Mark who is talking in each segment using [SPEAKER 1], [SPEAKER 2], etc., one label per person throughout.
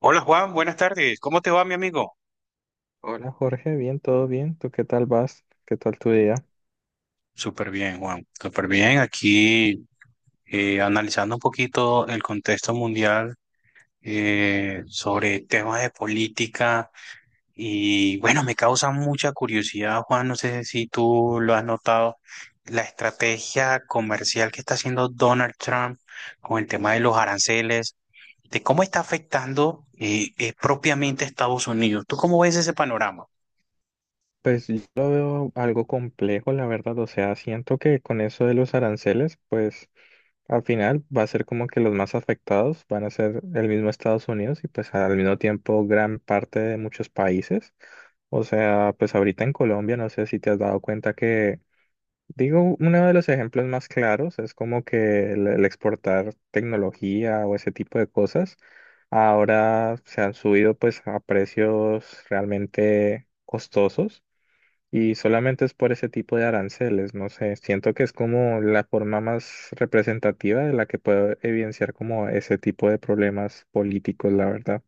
[SPEAKER 1] Hola Juan, buenas tardes. ¿Cómo te va, mi amigo?
[SPEAKER 2] Hola Jorge, bien, todo bien. ¿Tú qué tal vas? ¿Qué tal tu día?
[SPEAKER 1] Súper bien, Juan. Súper bien. Aquí analizando un poquito el contexto mundial sobre temas de política y bueno, me causa mucha curiosidad, Juan. No sé si tú lo has notado, la estrategia comercial que está haciendo Donald Trump con el tema de los aranceles, de cómo está afectando propiamente a Estados Unidos. ¿Tú cómo ves ese panorama?
[SPEAKER 2] Pues yo lo veo algo complejo, la verdad. O sea, siento que con eso de los aranceles, pues al final va a ser como que los más afectados van a ser el mismo Estados Unidos y pues al mismo tiempo gran parte de muchos países. O sea, pues ahorita en Colombia, no sé si te has dado cuenta que, digo, uno de los ejemplos más claros es como que el exportar tecnología o ese tipo de cosas. Ahora se han subido pues a precios realmente costosos y solamente es por ese tipo de aranceles, no sé, siento que es como la forma más representativa de la que puedo evidenciar como ese tipo de problemas políticos, la verdad.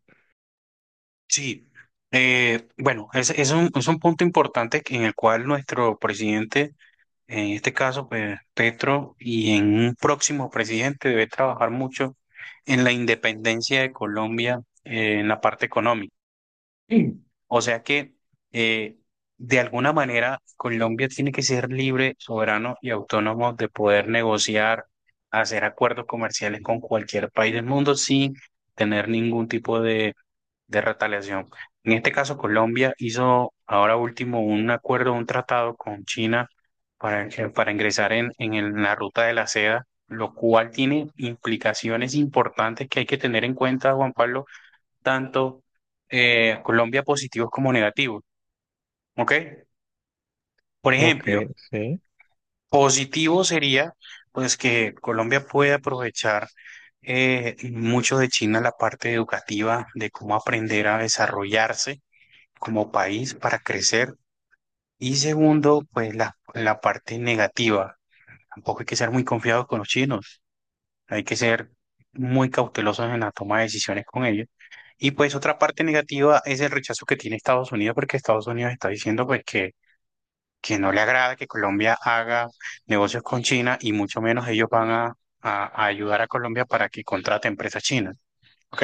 [SPEAKER 1] Sí, bueno, es un punto importante en el cual nuestro presidente, en este caso, pues, Petro, y en un próximo presidente debe trabajar mucho en la independencia de Colombia, en la parte económica. Sí. O sea que, eh, de alguna manera, Colombia tiene que ser libre, soberano y autónomo de poder negociar, hacer acuerdos comerciales con cualquier país del mundo sin tener ningún tipo de retaliación. En este caso, Colombia hizo ahora último un acuerdo, un tratado con China para ingresar en en la ruta de la seda, lo cual tiene implicaciones importantes que hay que tener en cuenta, Juan Pablo, tanto Colombia positivos como negativos. ¿Ok? Por
[SPEAKER 2] Ok,
[SPEAKER 1] ejemplo,
[SPEAKER 2] sí.
[SPEAKER 1] positivo sería pues que Colombia puede aprovechar mucho de China la parte educativa de cómo aprender a desarrollarse como país para crecer. Y segundo, pues la parte negativa. Tampoco hay que ser muy confiados con los chinos. Hay que ser muy cautelosos en la toma de decisiones con ellos. Y pues otra parte negativa es el rechazo que tiene Estados Unidos, porque Estados Unidos está diciendo pues que no le agrada que Colombia haga negocios con China y mucho menos ellos van a ayudar a Colombia para que contrate empresas chinas. ¿Ok?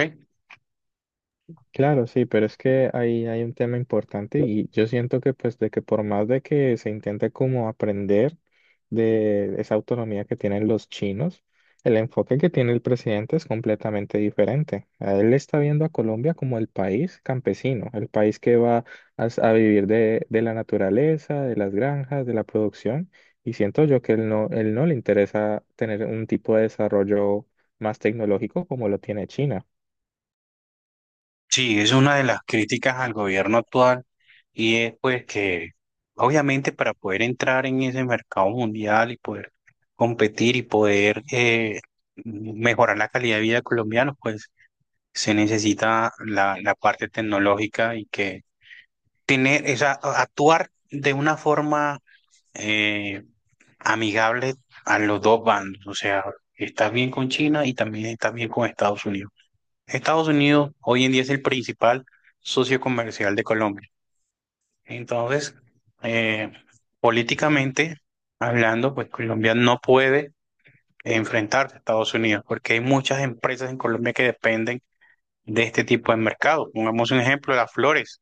[SPEAKER 2] Claro, sí, pero es que ahí hay un tema importante y yo siento que pues de que por más de que se intente como aprender de esa autonomía que tienen los chinos, el enfoque que tiene el presidente es completamente diferente. A Él está viendo a Colombia como el país campesino, el país que va a, a vivir de la naturaleza, de las granjas, de la producción y siento yo que él no le interesa tener un tipo de desarrollo más tecnológico como lo tiene China.
[SPEAKER 1] Sí, es una de las críticas al gobierno actual y es pues que obviamente para poder entrar en ese mercado mundial y poder competir y poder mejorar la calidad de vida de colombianos, pues se necesita la parte tecnológica y que tener esa, actuar de una forma eh, amigable a los dos bandos, o sea, estás bien con China y también estás bien con Estados Unidos. Estados Unidos hoy en día es el principal socio comercial de Colombia. Entonces, eh, políticamente hablando, pues Colombia no puede enfrentarse a Estados Unidos porque hay muchas empresas en Colombia que dependen de este tipo de mercado. Pongamos un ejemplo, las flores.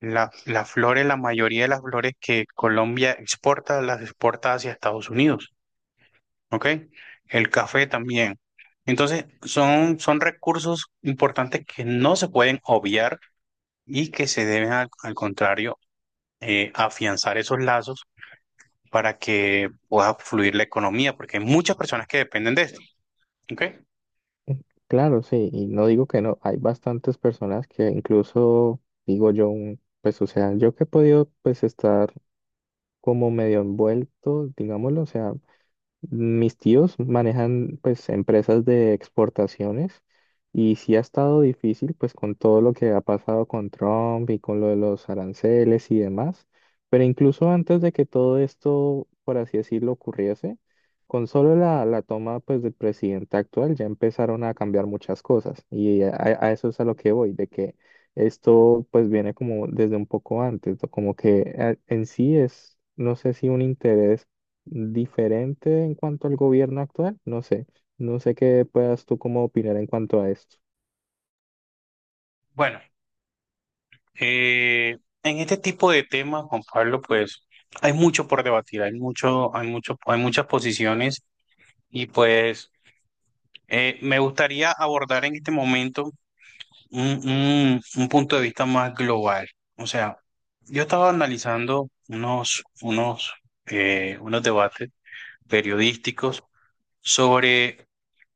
[SPEAKER 1] Las flores, la mayoría de las flores que Colombia exporta, las exporta hacia Estados Unidos, ¿ok? El café también. Entonces, son recursos importantes que no se pueden obviar y que se deben al, al contrario afianzar esos lazos para que pueda fluir la economía, porque hay muchas personas que dependen de esto. ¿Ok?
[SPEAKER 2] Claro, sí, y no digo que no, hay bastantes personas que incluso, digo yo, pues o sea, yo que he podido pues estar como medio envuelto, digámoslo, o sea, mis tíos manejan pues empresas de exportaciones y sí ha estado difícil pues con todo lo que ha pasado con Trump y con lo de los aranceles y demás, pero incluso antes de que todo esto, por así decirlo, ocurriese, con solo la, la toma pues del presidente actual ya empezaron a cambiar muchas cosas y a eso es a lo que voy, de que esto pues viene como desde un poco antes, ¿no? Como que en sí es, no sé si un interés diferente en cuanto al gobierno actual, no sé, no sé qué puedas tú como opinar en cuanto a esto.
[SPEAKER 1] Bueno, eh, en este tipo de temas, Juan Pablo, pues hay mucho por debatir, hay mucho, hay mucho, hay muchas posiciones y pues me gustaría abordar en este momento un punto de vista más global. O sea, yo estaba analizando unos debates periodísticos sobre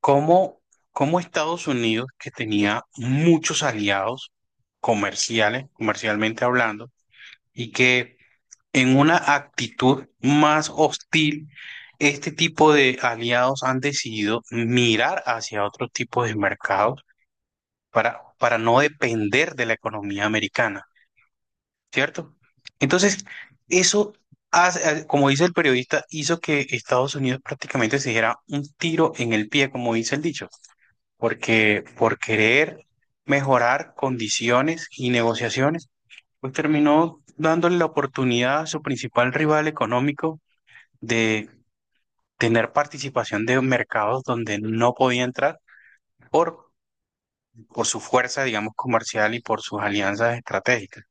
[SPEAKER 1] cómo, cómo Estados Unidos, que tenía muchos aliados comerciales, comercialmente hablando, y que en una actitud más hostil, este tipo de aliados han decidido mirar hacia otro tipo de mercados para no depender de la economía americana, ¿cierto? Entonces, eso, como dice el periodista, hizo que Estados Unidos prácticamente se diera un tiro en el pie, como dice el dicho, porque por querer mejorar condiciones y negociaciones, pues terminó dándole la oportunidad a su principal rival económico de tener participación de mercados donde no podía entrar por, por su fuerza, digamos, comercial y por sus alianzas estratégicas.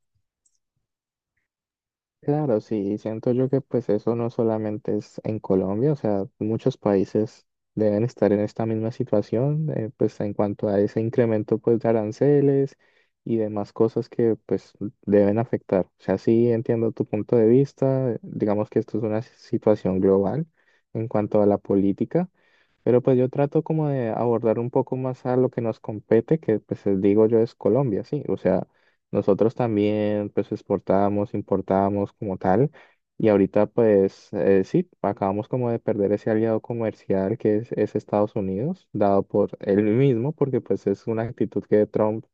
[SPEAKER 2] Claro, sí, siento yo que pues eso no solamente es en Colombia, o sea, muchos países deben estar en esta misma situación, pues en cuanto a ese incremento pues de aranceles y demás cosas que pues deben afectar. O sea, sí entiendo tu punto de vista, digamos que esto es una situación global en cuanto a la política. Pero pues yo trato como de abordar un poco más a lo que nos compete, que pues digo yo es Colombia, sí. O sea, nosotros también pues exportábamos, importábamos como tal. Y ahorita pues sí, acabamos como de perder ese aliado comercial que es Estados Unidos, dado por él mismo, porque pues es una actitud que Trump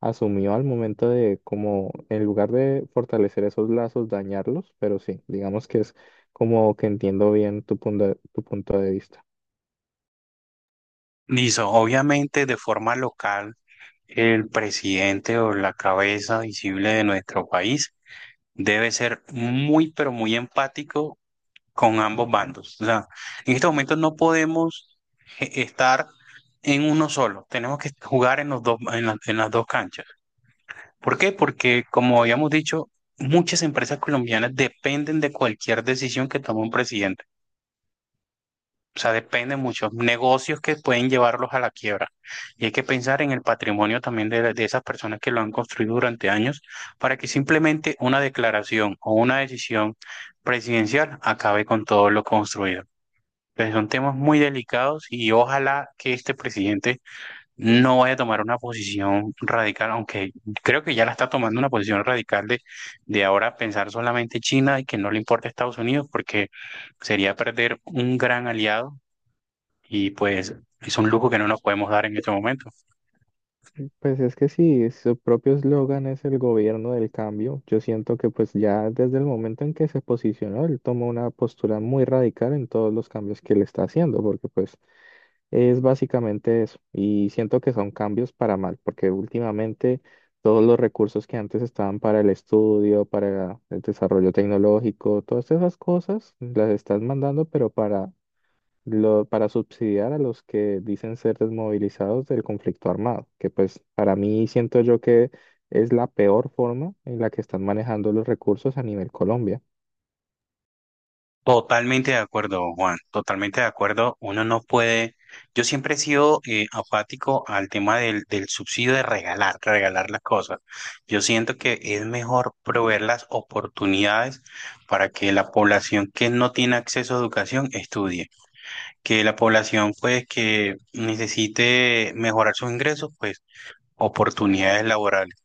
[SPEAKER 2] asumió al momento de como en lugar de fortalecer esos lazos, dañarlos. Pero sí, digamos que es como que entiendo bien tu punto de vista.
[SPEAKER 1] Listo, obviamente, de forma local, el presidente o la cabeza visible de nuestro país debe ser muy, pero muy empático con ambos bandos. O sea, en este momento no podemos estar en uno solo, tenemos que jugar en, los dos, en las dos canchas. ¿Por qué? Porque, como habíamos dicho, muchas empresas colombianas dependen de cualquier decisión que tome un presidente. O sea, dependen muchos negocios que pueden llevarlos a la quiebra. Y hay que pensar en el patrimonio también de esas personas que lo han construido durante años para que simplemente una declaración o una decisión presidencial acabe con todo lo construido. Pues son temas muy delicados y ojalá que este presidente no vaya a tomar una posición radical, aunque creo que ya la está tomando una posición radical de ahora pensar solamente China y que no le importa Estados Unidos, porque sería perder un gran aliado y pues es un lujo que no nos podemos dar en este momento.
[SPEAKER 2] Pues es que si su propio eslogan es el gobierno del cambio, yo siento que pues ya desde el momento en que se posicionó, él tomó una postura muy radical en todos los cambios que él está haciendo, porque pues es básicamente eso. Y siento que son cambios para mal, porque últimamente todos los recursos que antes estaban para el estudio, para el desarrollo tecnológico, todas esas cosas las estás mandando, pero para para subsidiar a los que dicen ser desmovilizados del conflicto armado, que pues para mí siento yo que es la peor forma en la que están manejando los recursos a nivel Colombia.
[SPEAKER 1] Totalmente de acuerdo, Juan, totalmente de acuerdo. Uno no puede, yo siempre he sido apático al tema del subsidio de regalar, regalar las cosas. Yo siento que es mejor proveer las oportunidades para que la población que no tiene acceso a educación estudie, que la población pues que necesite mejorar sus ingresos, pues oportunidades laborales.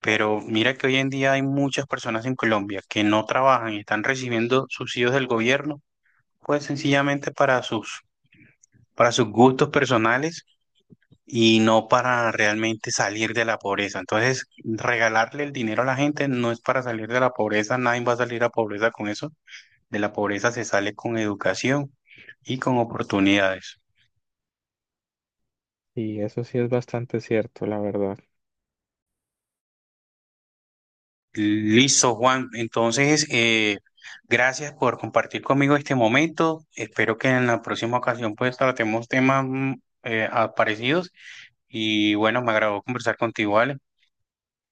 [SPEAKER 1] Pero mira que hoy en día hay muchas personas en Colombia que no trabajan y están recibiendo subsidios del gobierno pues sencillamente para sus gustos personales y no para realmente salir de la pobreza. Entonces, regalarle el dinero a la gente no es para salir de la pobreza, nadie va a salir a pobreza con eso. De la pobreza se sale con educación y con oportunidades.
[SPEAKER 2] Y eso sí es bastante cierto, la verdad.
[SPEAKER 1] Listo, Juan. Entonces, gracias por compartir conmigo este momento. Espero que en la próxima ocasión pues tratemos temas parecidos y bueno, me agradó conversar contigo, ¿vale?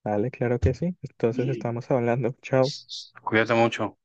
[SPEAKER 2] Vale, claro que sí. Entonces estamos hablando. Chao.
[SPEAKER 1] Cuídate mucho.